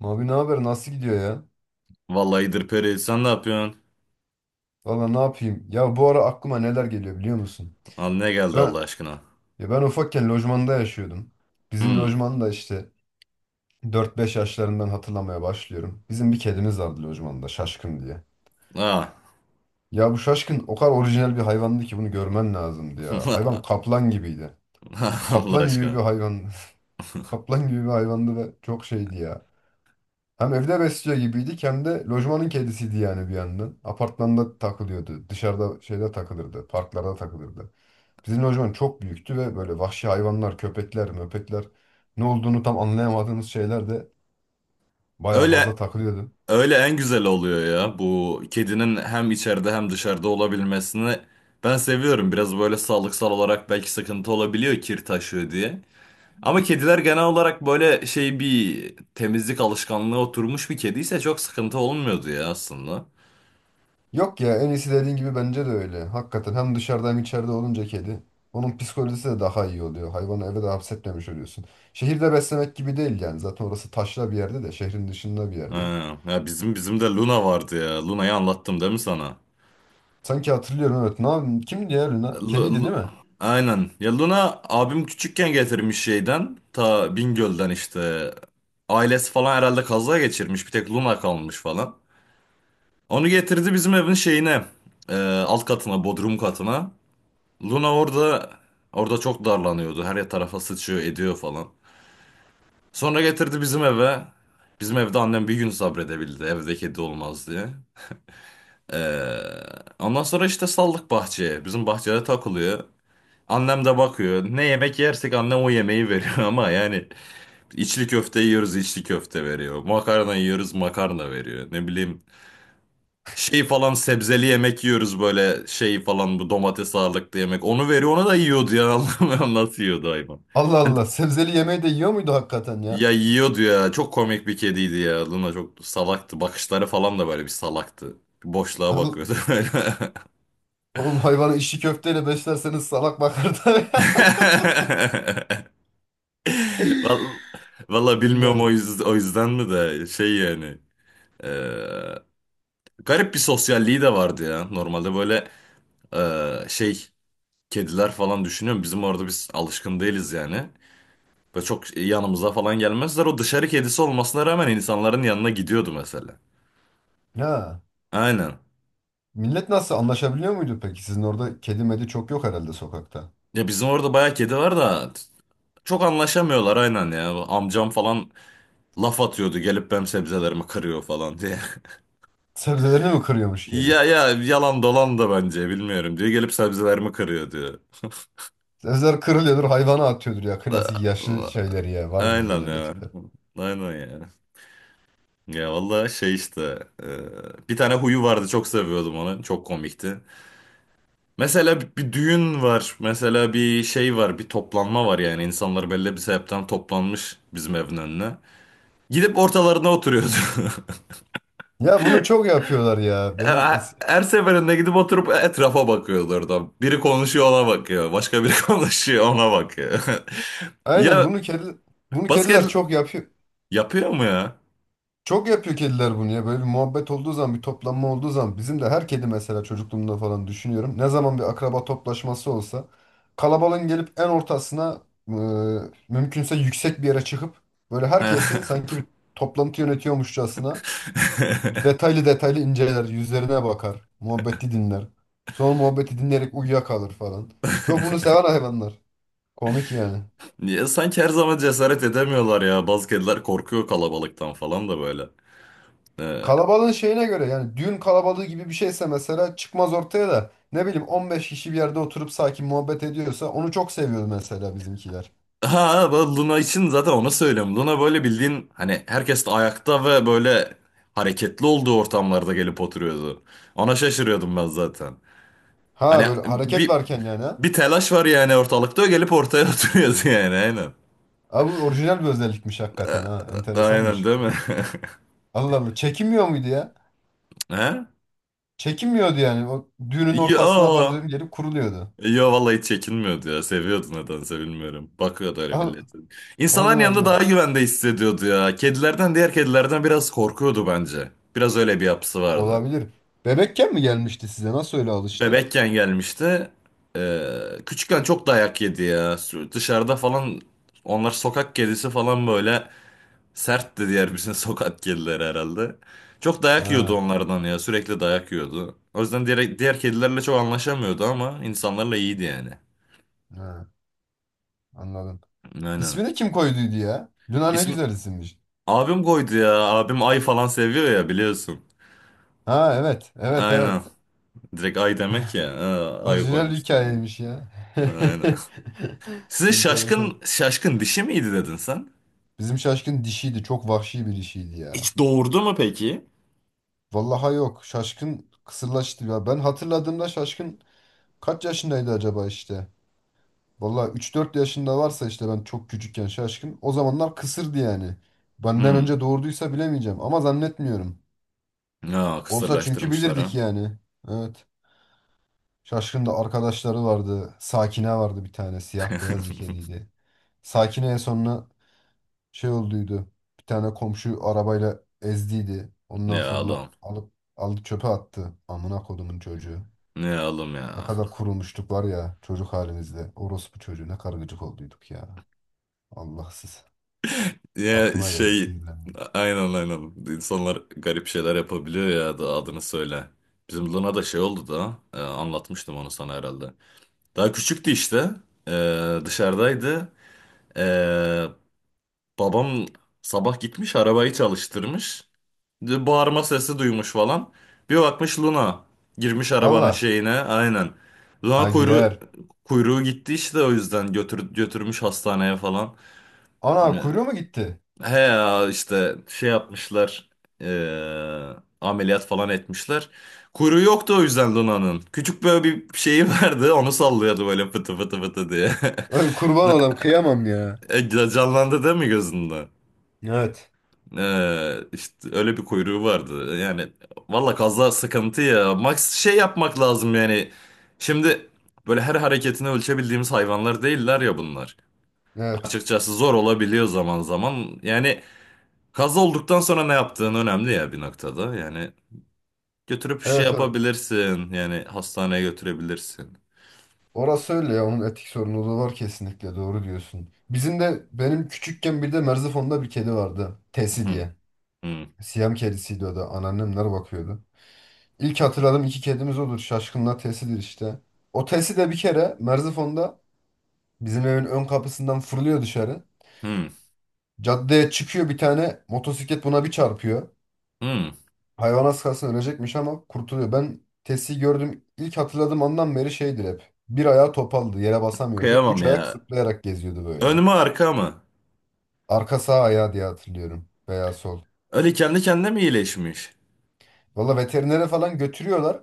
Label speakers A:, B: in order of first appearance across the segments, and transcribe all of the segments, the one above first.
A: Abi ne haber? Nasıl gidiyor ya?
B: Vallahi İdir Peri sen ne yapıyorsun?
A: Valla ne yapayım? Ya bu ara aklıma neler geliyor biliyor musun?
B: Al ne geldi Allah
A: Ben
B: aşkına?
A: ya ben ufakken lojmanda yaşıyordum. Bizim
B: Hmm.
A: lojmanda işte 4-5 yaşlarından hatırlamaya başlıyorum. Bizim bir kedimiz vardı lojmanda Şaşkın diye.
B: Ah.
A: Ya bu Şaşkın o kadar orijinal bir hayvandı ki bunu görmen lazımdı ya. Hayvan kaplan gibiydi.
B: Allah
A: Kaplan gibi bir
B: aşkına.
A: hayvan. Kaplan gibi bir hayvandı ve çok şeydi ya. Hem evde besliyor gibiydik hem de lojmanın kedisiydi yani bir yandan. Apartmanda takılıyordu. Dışarıda şeyde takılırdı. Parklarda takılırdı. Bizim lojman çok büyüktü ve böyle vahşi hayvanlar, köpekler, möpekler ne olduğunu tam anlayamadığımız şeyler de bayağı
B: Öyle
A: fazla takılıyordu.
B: öyle en güzel oluyor ya. Bu kedinin hem içeride hem dışarıda olabilmesini ben seviyorum. Biraz böyle sağlıksal olarak belki sıkıntı olabiliyor, kir taşıyor diye. Ama kediler genel olarak böyle şey, bir temizlik alışkanlığı oturmuş bir kediyse çok sıkıntı olmuyordu ya aslında.
A: Yok ya en iyisi dediğin gibi bence de öyle. Hakikaten hem dışarıda hem içeride olunca kedi. Onun psikolojisi de daha iyi oluyor. Hayvanı eve de hapsetmemiş oluyorsun. Şehirde beslemek gibi değil yani. Zaten orası taşra bir yerde de şehrin dışında bir
B: Ha,
A: yerde.
B: ya bizim de Luna vardı ya. Luna'yı anlattım değil mi sana?
A: Sanki hatırlıyorum evet. Ne yapayım? Kimdi ya Luna?
B: Lu-
A: Kediydi değil
B: Lu-
A: mi?
B: Aynen. Ya Luna abim küçükken getirmiş şeyden. Ta Bingöl'den işte. Ailesi falan herhalde kaza geçirmiş, bir tek Luna kalmış falan. Onu getirdi bizim evin şeyine. e, alt katına, bodrum katına. Luna orada çok darlanıyordu. Her tarafa sıçıyor, ediyor falan. Sonra getirdi bizim eve. Bizim evde annem bir gün sabredebildi, evde kedi olmaz diye. E, ondan sonra işte saldık bahçeye. Bizim bahçede takılıyor. Annem de bakıyor. Ne yemek yersek annem o yemeği veriyor ama yani içli köfte yiyoruz, içli köfte veriyor. Makarna yiyoruz, makarna veriyor. Ne bileyim, şey falan sebzeli yemek yiyoruz böyle şey falan, bu domates ağırlıklı yemek. Onu veriyor, ona da yiyordu ya anlamıyorum nasıl yiyordu hayvan.
A: Allah
B: Yani
A: Allah. Sebzeli yemeği de yiyor muydu hakikaten ya?
B: ya yiyordu ya, çok komik bir kediydi ya Luna, çok salaktı, bakışları falan da böyle bir salaktı. Boşluğa
A: Al-
B: bakıyordu böyle.
A: Oğlum hayvanı içli köfteyle beslerseniz salak bakar tabii.
B: Vallahi, vallahi
A: İlla
B: bilmiyorum, o yüzden mi de şey yani. Ee, garip bir sosyalliği de vardı ya. Normalde böyle şey kediler falan düşünüyorum. Bizim orada biz alışkın değiliz yani. Böyle çok yanımıza falan gelmezler. O dışarı kedisi olmasına rağmen insanların yanına gidiyordu mesela.
A: ha.
B: Aynen.
A: Millet nasıl anlaşabiliyor muydu peki? Sizin orada kedi medi çok yok herhalde sokakta.
B: Ya bizim orada bayağı kedi var da, çok anlaşamıyorlar aynen ya. Amcam falan laf atıyordu, gelip benim sebzelerimi kırıyor falan diye.
A: Sebzelerini mi kırıyormuş kedi?
B: Ya yalan dolan da bence, bilmiyorum diyor. Gelip sebzelerimi kırıyor diyor.
A: Sebzeler kırılıyordur hayvana atıyordur ya klasik yaşlı şeyleri ya. Vardı bizde de
B: Aynen
A: öyle
B: ya.
A: tipler.
B: Aynen ya. Ya vallahi şey işte, bir tane huyu vardı, çok seviyordum onu, çok komikti. Mesela bir düğün var mesela, bir şey var, bir toplanma var yani, insanlar belli bir sebepten toplanmış bizim evin önüne. Gidip ortalarına oturuyordu.
A: Ya bunu çok yapıyorlar ya.
B: Her her seferinde gidip oturup etrafa bakıyordu orada. Biri konuşuyor, ona bakıyor, başka biri konuşuyor, ona bakıyor.
A: Aynen
B: Ya
A: bunu kedi bunu
B: basket
A: kediler çok yapıyor.
B: yapıyor mu ya?
A: Çok yapıyor kediler bunu ya. Böyle bir muhabbet olduğu zaman, bir toplanma olduğu zaman bizim de her kedi mesela çocukluğumda falan düşünüyorum. Ne zaman bir akraba toplaşması olsa kalabalığın gelip en ortasına e, mümkünse yüksek bir yere çıkıp böyle herkesi sanki bir toplantı yönetiyormuşçasına detaylı detaylı inceler, yüzlerine bakar, muhabbeti dinler. Sonra muhabbeti dinleyerek uyuyakalır falan. Çok bunu seven hayvanlar. Komik yani.
B: Niye sanki her zaman cesaret edemiyorlar ya. Bazı kediler korkuyor kalabalıktan falan da böyle. Ee,
A: Kalabalığın şeyine göre yani düğün kalabalığı gibi bir şeyse mesela çıkmaz ortaya da ne bileyim 15 kişi bir yerde oturup sakin muhabbet ediyorsa onu çok seviyor mesela bizimkiler.
B: ha, bu Luna için zaten onu söylüyorum. Luna böyle, bildiğin hani, herkes de ayakta ve böyle hareketli olduğu ortamlarda gelip oturuyordu. Ona şaşırıyordum ben zaten.
A: Ha
B: Hani
A: böyle hareket
B: bir
A: varken yani ha.
B: bir telaş var yani ortalıkta, o gelip ortaya oturuyordu yani, aynen.
A: Abi orijinal bir özellikmiş hakikaten ha.
B: Aynen
A: Enteresanmış.
B: değil mi?
A: Allah Allah. Çekinmiyor muydu ya?
B: He?
A: Çekinmiyordu yani. O düğünün
B: Ya,
A: ortasına farz edelim gelip kuruluyordu.
B: Yo, vallahi hiç çekinmiyordu ya. Seviyordu nedense, bilmiyorum. Bakıyordu öyle
A: Al-
B: millete. İnsanların
A: Allah
B: yanında
A: Allah.
B: daha güvende hissediyordu ya. Diğer kedilerden biraz korkuyordu bence. Biraz öyle bir yapısı vardı.
A: Olabilir. Bebekken mi gelmişti size? Nasıl öyle alıştı?
B: Bebekken gelmişti. Ee, küçükken çok dayak yedi ya. Dışarıda falan, onlar sokak kedisi falan, böyle sertti diğer bizim sokak kedileri herhalde. Çok dayak yiyordu
A: Ha,
B: onlardan ya. Sürekli dayak yiyordu. O yüzden diğer kedilerle çok anlaşamıyordu ama insanlarla iyiydi yani.
A: ha, anladım.
B: Aynen.
A: İsmini kim koyduydu ya? Luna ne
B: İsmi,
A: güzel isimmiş.
B: Abim koydu ya. Abim ay falan seviyor ya, biliyorsun.
A: Ha, evet. Evet,
B: Aynen.
A: evet.
B: Direkt ay demek ya. Ha, ay
A: Orijinal bir
B: koymuştu ona.
A: hikayeymiş ya.
B: Aynen. Size
A: Enteresan.
B: Şaşkın dişi miydi dedin sen?
A: Bizim Şaşkın dişiydi. Çok vahşi bir dişiydi ya.
B: Hiç doğurdu mu peki?
A: Vallahi yok. Şaşkın kısırlaştı ya. Ben hatırladığımda Şaşkın kaç yaşındaydı acaba işte? Vallahi 3-4 yaşında varsa işte ben çok küçükken Şaşkın. O zamanlar kısırdı yani. Benden
B: Hmm.
A: önce doğurduysa bilemeyeceğim ama zannetmiyorum.
B: Ya
A: Olsa çünkü
B: kısırlaştırmışlar
A: bilirdik
B: ha.
A: yani. Evet. Şaşkın'da arkadaşları vardı. Sakine vardı bir tane. Siyah beyaz bir kediydi. Sakine en sonuna şey olduydu. Bir tane komşu arabayla ezdiydi. Ondan
B: Ne
A: sonra
B: oğlum.
A: aldı çöpe attı. Amına kodumun çocuğu.
B: Ne oğlum
A: Ne
B: ya.
A: kadar kurulmuştuk var ya çocuk halimizde. Orospu çocuğu ne kadar gıcık olduyduk ya. Allahsız.
B: Ya
A: Aklıma geldi
B: şey,
A: sinirlendim.
B: aynen aynen. İnsanlar garip şeyler yapabiliyor ya, da adını söyle. Bizim Luna da şey oldu da, anlatmıştım onu sana herhalde. Daha küçüktü işte. E, dışarıdaydı. Ee, babam sabah gitmiş, arabayı çalıştırmış. Bağırma sesi duymuş falan. Bir bakmış, Luna girmiş arabanın
A: Allah.
B: şeyine, aynen. Luna
A: Ha
B: kuyruğu,
A: girer.
B: kuyruğu gitti işte, o yüzden götürmüş hastaneye falan.
A: Ana
B: Ee,
A: kuyruğu mu gitti?
B: He ya, işte şey yapmışlar. ee, Ameliyat falan etmişler. Kuyruğu yoktu o yüzden Luna'nın. Küçük böyle bir şeyi vardı, onu sallıyordu böyle, fıtı fıtı fıtı diye.
A: Ay, kurban olam kıyamam ya.
B: Canlandı değil mi gözünde?
A: Evet.
B: İşte öyle bir kuyruğu vardı. Yani valla kaza sıkıntı ya. Max şey yapmak lazım yani. Şimdi böyle her hareketini ölçebildiğimiz hayvanlar değiller ya bunlar.
A: Evet.
B: Açıkçası zor olabiliyor zaman zaman. Yani kaza olduktan sonra ne yaptığın önemli ya bir noktada. Yani götürüp şey
A: Evet.
B: yapabilirsin. Yani hastaneye götürebilirsin.
A: Orası öyle ya, onun etik sorunu da var, kesinlikle doğru diyorsun. Bizim de benim küçükken bir de Merzifon'da bir kedi vardı.
B: Hı,
A: Tesi diye.
B: hı,
A: Siyam kedisiydi o da. Anneannemler bakıyordu. İlk hatırladığım iki kedimiz odur. Şaşkınla Tesi'dir işte. O Tesi de bir kere Merzifon'da bizim evin ön kapısından fırlıyor dışarı.
B: hı,
A: Caddeye çıkıyor, bir tane motosiklet buna bir çarpıyor.
B: hı.
A: Hayvan az kalsın ölecekmiş ama kurtuluyor. Ben Tesi'yi gördüm. İlk hatırladığım andan beri şeydir hep. Bir ayağı topaldı, yere basamıyordu.
B: Kıyamam
A: Üç ayak
B: ya.
A: zıplayarak geziyordu
B: Ön
A: böyle.
B: mü arka mı?
A: Arka sağ ayağı diye hatırlıyorum. Veya sol.
B: Öyle kendi kendine mi iyileşmiş?
A: Valla veterinere falan götürüyorlar.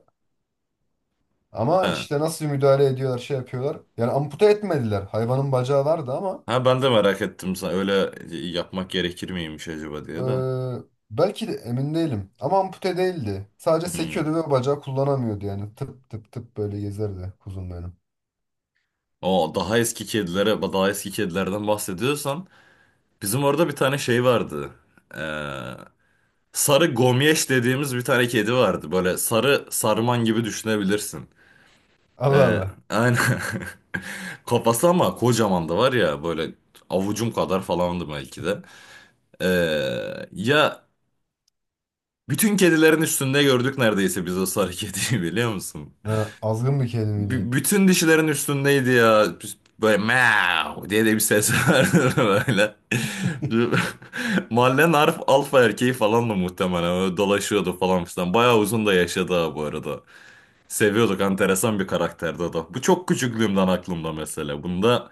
A: Ama
B: Ha.
A: işte nasıl müdahale ediyorlar, şey yapıyorlar. Yani ampute etmediler. Hayvanın bacağı vardı ama
B: Ha, ben de merak ettim, sen öyle yapmak gerekir miymiş acaba diye de.
A: eee, belki de emin değilim. Ama ampute değildi. Sadece
B: Hmm.
A: sekiyordu ve bacağı kullanamıyordu yani. Tıp tıp tıp böyle gezerdi kuzum benim.
B: O daha eski kedilerden bahsediyorsan, bizim orada bir tane şey vardı. Ee, sarı gomyeş dediğimiz bir tane kedi vardı. Böyle sarı sarman gibi düşünebilirsin.
A: Allah
B: Ee,
A: Allah.
B: aynen. Kafası ama kocaman, da var ya böyle, avucum kadar falandı belki de. Ee, ya bütün kedilerin üstünde gördük neredeyse biz o sarı kediyi, biliyor musun?
A: Ha, azgın bir kedi miydi?
B: Bütün dişilerin üstündeydi ya. Böyle meow diye de bir ses vardı, böyle. Mahallenin alfa erkeği falan da muhtemelen, öyle dolaşıyordu falan filan. Bayağı uzun da yaşadı ha bu arada. Seviyorduk, enteresan bir karakterdi o da. Bu çok küçüklüğümden aklımda mesela. Bunda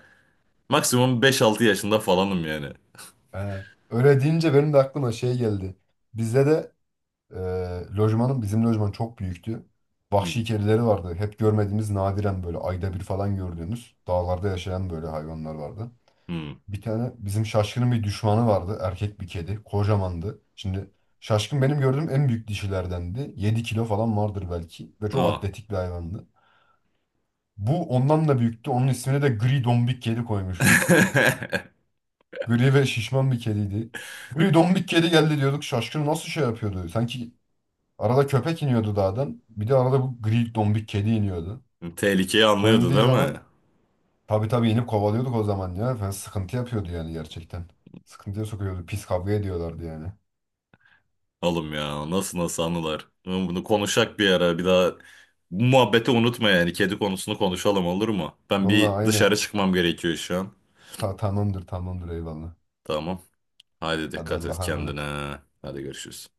B: maksimum beş altı yaşında falanım yani.
A: Ha, öyle deyince benim de aklıma şey geldi. Bizde de Ee, lojmanın bizim lojman çok büyüktü.
B: Hmm.
A: Vahşi kedileri vardı. Hep görmediğimiz, nadiren böyle ayda bir falan gördüğümüz, dağlarda yaşayan böyle hayvanlar vardı.
B: Hmm.
A: Bir tane bizim Şaşkın'ın bir düşmanı vardı. Erkek bir kedi. Kocamandı. Şimdi Şaşkın benim gördüğüm en büyük dişilerdendi. 7 kilo falan vardır belki. Ve çok
B: O.
A: atletik bir hayvandı. Bu ondan da büyüktü. Onun ismini de gri dombik kedi koymuştuk. Gri ve şişman bir kediydi. Gri dombik kedi geldi diyorduk. Şaşkın nasıl şey yapıyordu? Arada köpek iniyordu dağdan. Bir de arada bu gri dombik kedi iniyordu.
B: Tehlikeyi
A: O
B: anlıyordu
A: indiği
B: değil mi?
A: zaman tabii tabii inip kovalıyorduk o zaman ya. Falan sıkıntı yapıyordu yani gerçekten. Sıkıntıya sokuyordu. Pis kavga ediyorlardı yani.
B: Oğlum ya, nasıl nasıl anılar. Oğlum bunu konuşak bir ara, bir daha bu muhabbeti unutma yani, kedi konusunu konuşalım, olur mu? Ben
A: Vallahi
B: bir dışarı
A: aynen.
B: çıkmam gerekiyor şu an.
A: Tamamdır tamamdır eyvallah.
B: Tamam. Hadi
A: Hadi
B: dikkat et
A: Allah'a emanet.
B: kendine. Hadi görüşürüz.